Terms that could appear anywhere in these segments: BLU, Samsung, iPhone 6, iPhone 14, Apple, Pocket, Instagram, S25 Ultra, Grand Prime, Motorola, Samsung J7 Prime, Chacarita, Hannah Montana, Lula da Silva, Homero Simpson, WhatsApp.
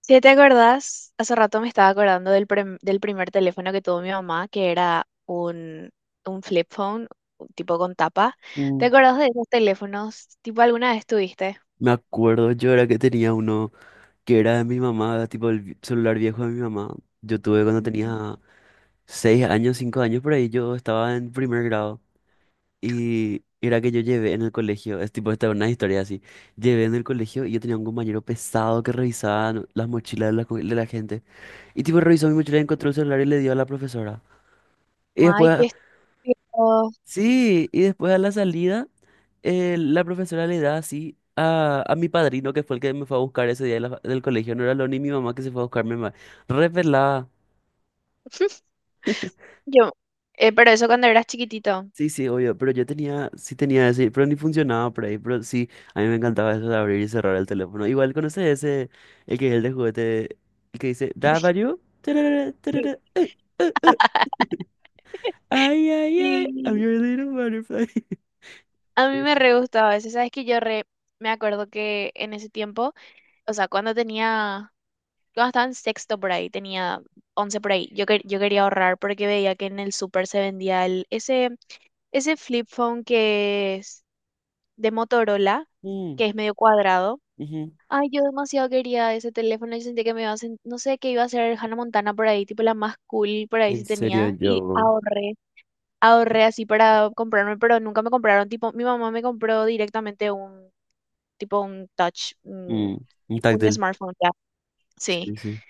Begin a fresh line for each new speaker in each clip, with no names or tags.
Si te acordás, hace rato me estaba acordando del primer teléfono que tuvo mi mamá, que era un flip phone, un tipo con tapa. ¿Te
Mm.
acordás de esos teléfonos? ¿Tipo alguna vez tuviste?
Me acuerdo yo era que tenía uno que era de mi mamá, tipo el celular viejo de mi mamá. Yo tuve cuando
Ujú.
tenía 6 años, 5 años por ahí, yo estaba en primer grado. Y era que yo llevé en el colegio, es tipo, esta es una historia así. Llevé en el colegio y yo tenía un compañero pesado que revisaba las mochilas de la gente. Y tipo revisó mi mochila y encontró el celular y le dio a la profesora. Y
Ay, qué
después
estúpido.
Sí, y después a la salida, la profesora le da así a mi padrino, que fue el que me fue a buscar ese día del colegio, no era lo ni mi mamá que se fue a buscarme más. Revelada.
Yo, pero eso cuando eras chiquitito.
Sí, sí, obvio, pero yo tenía, sí tenía ese, pero ni funcionaba por ahí, pero sí, a mí me encantaba eso de abrir y cerrar el teléfono. Igual conoces ese, el que es el de juguete, el que dice, ¿Da value? Tarara,
Sí.
tarara, eh, eh". Ay, ay, ay, I'm
Sí,
your little butterfly.
a mí
Ese.
me re gustaba eso. Sabes que me acuerdo que en ese tiempo, o sea, cuando tenía Yo cuando estaba en sexto por ahí, tenía 11 por ahí. Yo quería ahorrar porque veía que en el súper se vendía ese flip phone que es de Motorola,
Mm,
que es medio cuadrado.
ujú.
Ay, yo demasiado quería ese teléfono. Yo sentía que me iba a no sé, qué iba a ser Hannah Montana por ahí, tipo la más cool por ahí
En
sí
serio,
tenía. Y
yo.
ahorré así para comprarme, pero nunca me compraron. Tipo, mi mamá me compró directamente tipo un touch, un,
Mm, un
un
táctil.
smartphone ya. Sí,
Sí, sí.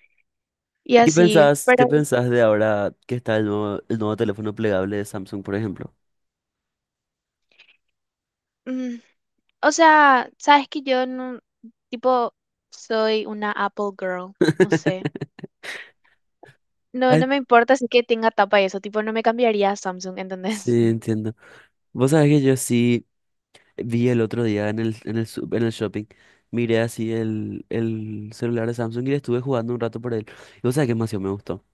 y
¿Y qué
así,
pensás,
pero...
qué pensás de ahora que está el nuevo teléfono plegable de Samsung, por ejemplo?
ujú. O sea, sabes que yo no, tipo, soy una Apple girl, no sé. No, no
Ay,
me importa si que tenga tapa y eso, tipo, no me cambiaría a Samsung, ¿entendés?
sí, entiendo. Vos sabés que yo sí vi el otro día en el shopping, miré así el celular de Samsung y le estuve jugando un rato por él. Y vos sabés que demasiado me gustó.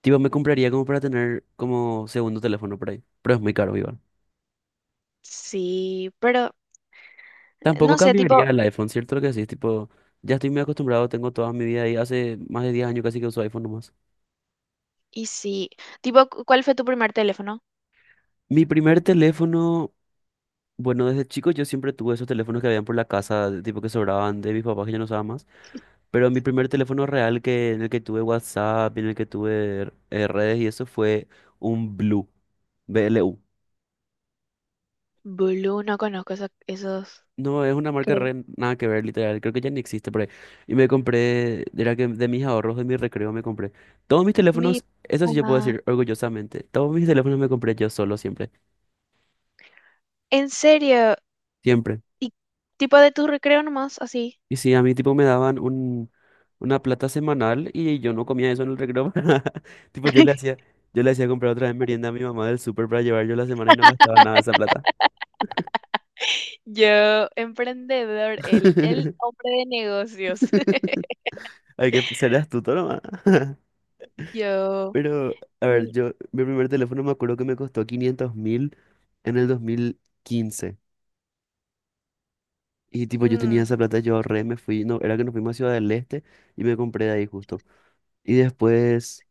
Tipo, me compraría como para tener como segundo teléfono por ahí, pero es muy caro igual.
Sí, pero
Tampoco
no sé,
cambiaría
tipo,
el iPhone, ¿cierto? Lo que sí, tipo, ya estoy muy acostumbrado, tengo toda mi vida ahí, hace más de 10 años casi que uso iPhone nomás.
y sí. Tipo, ¿cuál fue tu primer teléfono?
Mi primer teléfono, bueno, desde chico yo siempre tuve esos teléfonos que habían por la casa, de tipo que sobraban de mis papás que ya no usaban más, pero mi primer teléfono real que, en el que tuve WhatsApp, en el que tuve redes y eso fue un Blue, BLU.
Blue, no conozco esos.
No, es una marca
Creo.
re, nada que ver, literal, creo que ya ni existe por ahí. Y me compré, era que de mis ahorros, de mi recreo me compré. Todos mis
Mi
teléfonos, eso sí yo puedo
mamá.
decir orgullosamente, todos mis teléfonos me compré yo solo siempre,
¿En serio?
siempre.
¿Y tipo de tu recreo nomás, así?
Y sí, a mí tipo me daban una plata semanal y yo no comía eso en el recreo. Tipo, yo le hacía comprar otra vez merienda a mi mamá del súper para llevar yo la semana y no gastaba nada de esa plata.
Yo, emprendedor, el hombre de negocios.
Hay que ser astuto nomás.
Yo,
Pero, a ver,
mi-
yo, mi primer teléfono me acuerdo que me costó 500.000 en el 2015. Y tipo, yo tenía
mm,
esa plata, yo ahorré, me fui, no, era que nos fuimos a Ciudad del Este y me compré de ahí justo. Y después,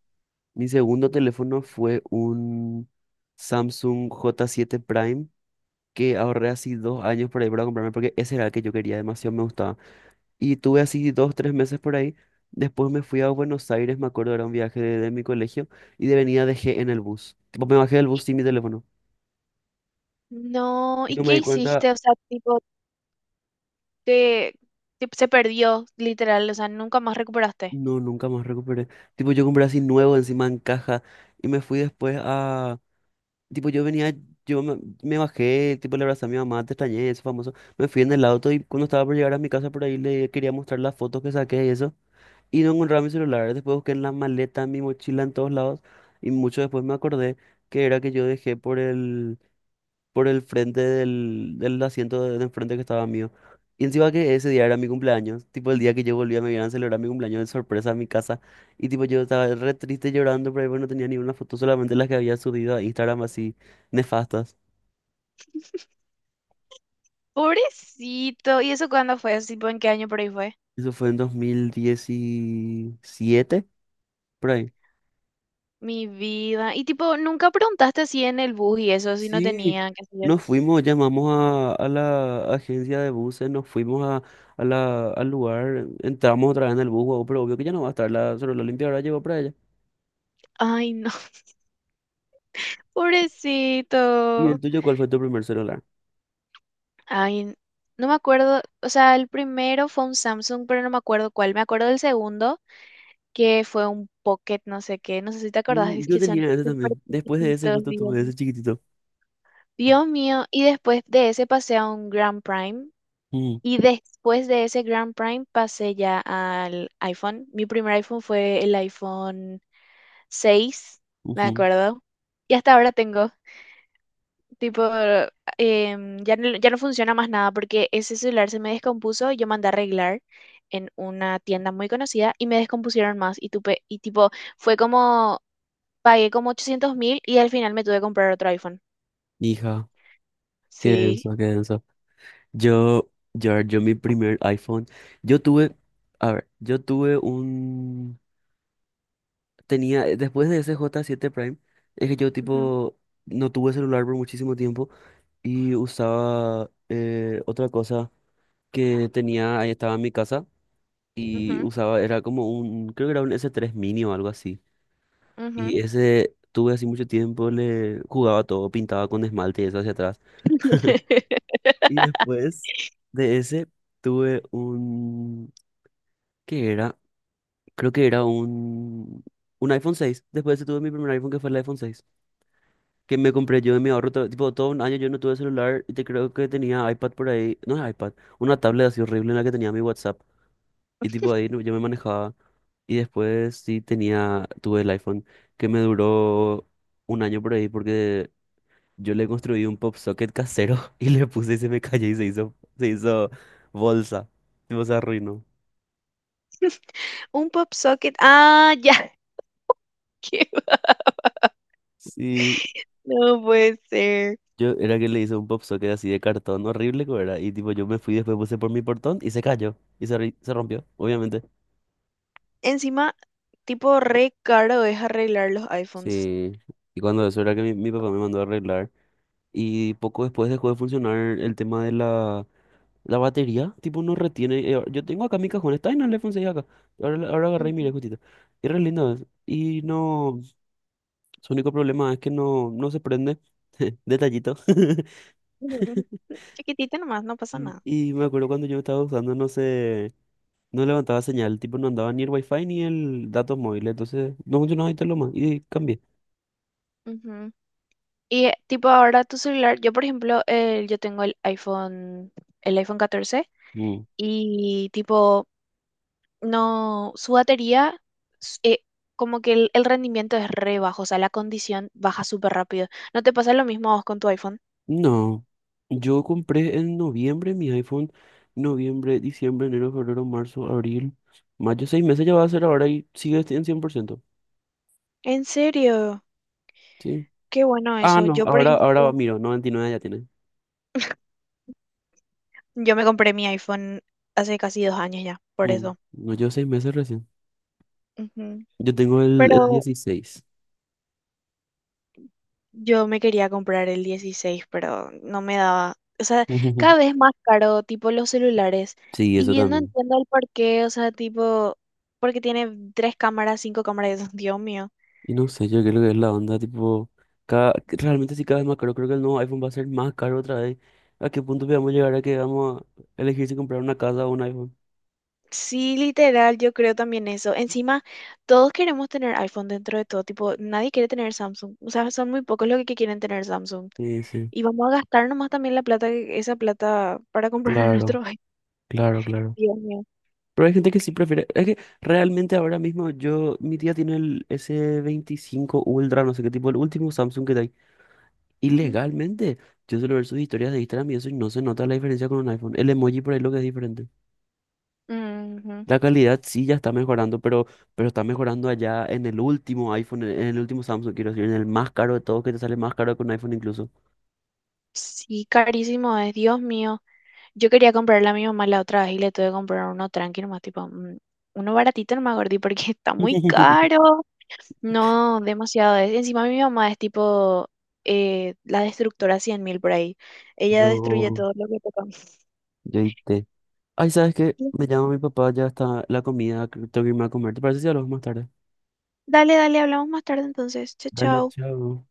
mi segundo teléfono fue un Samsung J7 Prime que ahorré así 2 años por ahí para comprarme, porque ese era el que yo quería, demasiado me gustaba. Y tuve así dos, tres meses por ahí. Después me fui a Buenos Aires, me acuerdo, era un viaje de mi colegio, y de venida dejé en el bus. Tipo, me bajé del bus sin mi teléfono.
No,
Y
¿y
no me
qué
di cuenta,
hiciste? O sea, tipo, te, se perdió, literal, o sea, nunca más recuperaste.
no, nunca más recuperé. Tipo, yo compré así nuevo, encima en caja, y me fui después a... Tipo, yo venía, me bajé, tipo, le abrazé a mi mamá, te extrañé, eso famoso. Me fui en el auto y cuando estaba por llegar a mi casa por ahí le quería mostrar las fotos que saqué y eso. Y no encontraba mi celular. Después busqué en la maleta, en mi mochila, en todos lados. Y mucho después me acordé que era que yo dejé por el frente del asiento de enfrente que estaba mío. Y encima que ese día era mi cumpleaños. Tipo el día que yo volvía me iban a celebrar mi cumpleaños de sorpresa a mi casa. Y tipo yo estaba re triste llorando, pero ahí no tenía ni una foto, solamente las que había subido a Instagram así nefastas.
Pobrecito, ¿y eso cuándo fue? Así, ¿tipo en qué año por ahí fue?
Eso fue en 2017, por ahí.
Mi vida. Y tipo, nunca preguntaste así en el bus y eso, si no
Sí,
tenía, qué sé yo.
nos fuimos, llamamos a la agencia de buses, nos fuimos al lugar, entramos otra vez en el bus, guau, pero obvio que ya no va a estar la celular limpia, ahora llegó para ella.
Ay, no,
¿Y
pobrecito.
el tuyo cuál fue tu primer celular?
Ay, no me acuerdo, o sea, el primero fue un Samsung, pero no me acuerdo cuál. Me acuerdo del segundo, que fue un Pocket, no sé qué, no sé si te acordás, es
Yo
que son
tenía ese
súper
también, después de ese
chiquititos,
justo
digamos.
tuve ese chiquitito.
Dios mío, y después de ese pasé a un Grand Prime
Mm,
y después de ese Grand Prime pasé ya al iPhone. Mi primer iPhone fue el iPhone 6, me
ujú.
acuerdo. Y hasta ahora tengo, tipo, ya no, ya no funciona más nada porque ese celular se me descompuso y yo mandé a arreglar en una tienda muy conocida y me descompusieron más y tipo, fue como, pagué como 800.000 y al final me tuve que comprar otro iPhone.
Hija, qué
Sí.
denso, qué denso. Yo, mi primer iPhone, yo tuve, a ver, yo tuve un, tenía, después de ese j siete Prime, es que yo
Ujú,
tipo... No tuve celular por muchísimo tiempo. Y usaba otra cosa que tenía, ahí estaba en mi casa y
ujú,
usaba, era como un, creo que era un S3 Mini o algo así.
ujú.
Y ese tuve así mucho tiempo, le jugaba todo, pintaba con esmalte y eso hacia atrás. Y después de ese tuve un, ¿qué era? Creo que era un iPhone 6. Después de ese tuve mi primer iPhone que fue el iPhone 6 que me compré yo de mi ahorro, tipo, todo un año yo no tuve celular y te creo que tenía iPad por ahí, no es iPad, una tablet así horrible en la que tenía mi WhatsApp y tipo ahí yo me manejaba y después sí tenía, tuve el iPhone que me duró un año por ahí porque yo le construí un pop socket casero y le puse y se me cayó y se hizo bolsa, tipo se arruinó.
Un pop socket. Ah, ya. Qué-
Sí,
No puede ser.
yo era que le hice un pop socket así de cartón horrible que era y tipo yo me fui después puse por mi portón y se cayó y se rompió, obviamente.
Encima, tipo, re caro es arreglar los iPhones.
Sí, y cuando eso era que mi papá me mandó a arreglar. Y poco después dejó de funcionar el tema de la batería. Tipo, no retiene. Yo tengo acá mi cajón, está en el iPhone 6 acá. Ahora, ahora agarré y
Ujú.
miré justito. Y re lindo es. Y no, su único problema es que no se prende. Detallito.
Chiquitito nomás, no pasa
Y
nada.
y me acuerdo cuando yo estaba usando, no sé, no levantaba señal, tipo no andaba ni el wifi ni el datos móviles, entonces no funcionaba y todo lo más, y cambié.
Ujú. Y tipo ahora tu celular, yo por ejemplo, yo tengo el iPhone 14
Mm.
y tipo, no, su batería, s- eh, como que el rendimiento es re bajo, o sea, la condición baja súper rápido. ¿No te pasa lo mismo a vos con tu iPhone?
No, yo compré en noviembre mi iPhone, noviembre, diciembre, enero, febrero, marzo, abril, mayo, 6 meses ya va a ser ahora y sigue en 100%.
¿En serio?
¿Sí?
Qué bueno
Ah,
eso.
no,
Yo, por
ahora
ejemplo,
miro, 99 ya tiene.
yo me compré mi iPhone hace casi 2 años ya, por
Mm,
eso.
no, yo 6 meses recién.
Ujú.
Yo tengo el
Pero
16.
yo me quería comprar el 16, pero no me daba. O sea, cada vez más caro, tipo los celulares.
Sí, eso
Y yo no
también.
entiendo el por qué, o sea, tipo, porque tiene tres cámaras, cinco cámaras, Dios mío.
Y no sé, yo creo que es la onda, tipo, que realmente sí cada vez más caro, creo que el nuevo iPhone va a ser más caro otra vez. ¿A qué punto vamos a llegar a que vamos a elegir si comprar una casa o un iPhone?
Sí, literal, yo creo también eso. Encima, todos queremos tener iPhone dentro de todo, tipo, nadie quiere tener Samsung. O sea, son muy pocos los que quieren tener Samsung.
Sí, sí,
Y vamos a gastar nomás también la plata, esa plata para comprar
claro.
nuestro... Ay,
Claro, claro.
Dios mío.
Pero hay gente que sí prefiere. Es que realmente ahora mismo yo, mi tía tiene el S25 Ultra, no sé qué tipo, el último Samsung que hay. Y
Ujú.
legalmente, yo suelo ver sus historias de Instagram y eso y no se nota la diferencia con un iPhone. El emoji por ahí lo que es diferente.
Ujú.
La calidad sí ya está mejorando, pero está mejorando allá en el último iPhone, en el último Samsung, quiero decir, en el más caro de todos, que te sale más caro que un iPhone incluso.
Sí, carísimo es, Dios mío. Yo quería comprarle a mi mamá la otra vez y le tuve que comprar uno tranqui nomás, tipo, uno baratito nomás, gordi, porque está muy caro. No, demasiado es. Encima mi mamá es tipo la destructora 100.000 por ahí. Ella destruye
Yo,
todo lo que toca.
yo y té. Ay, ¿sabes qué? Me llama mi papá, ya está la comida, creo que tengo que irme a comer. ¿Te parece si hablamos más tarde?
Dale, dale, hablamos más tarde entonces. Chao,
Dale,
chao.
chao.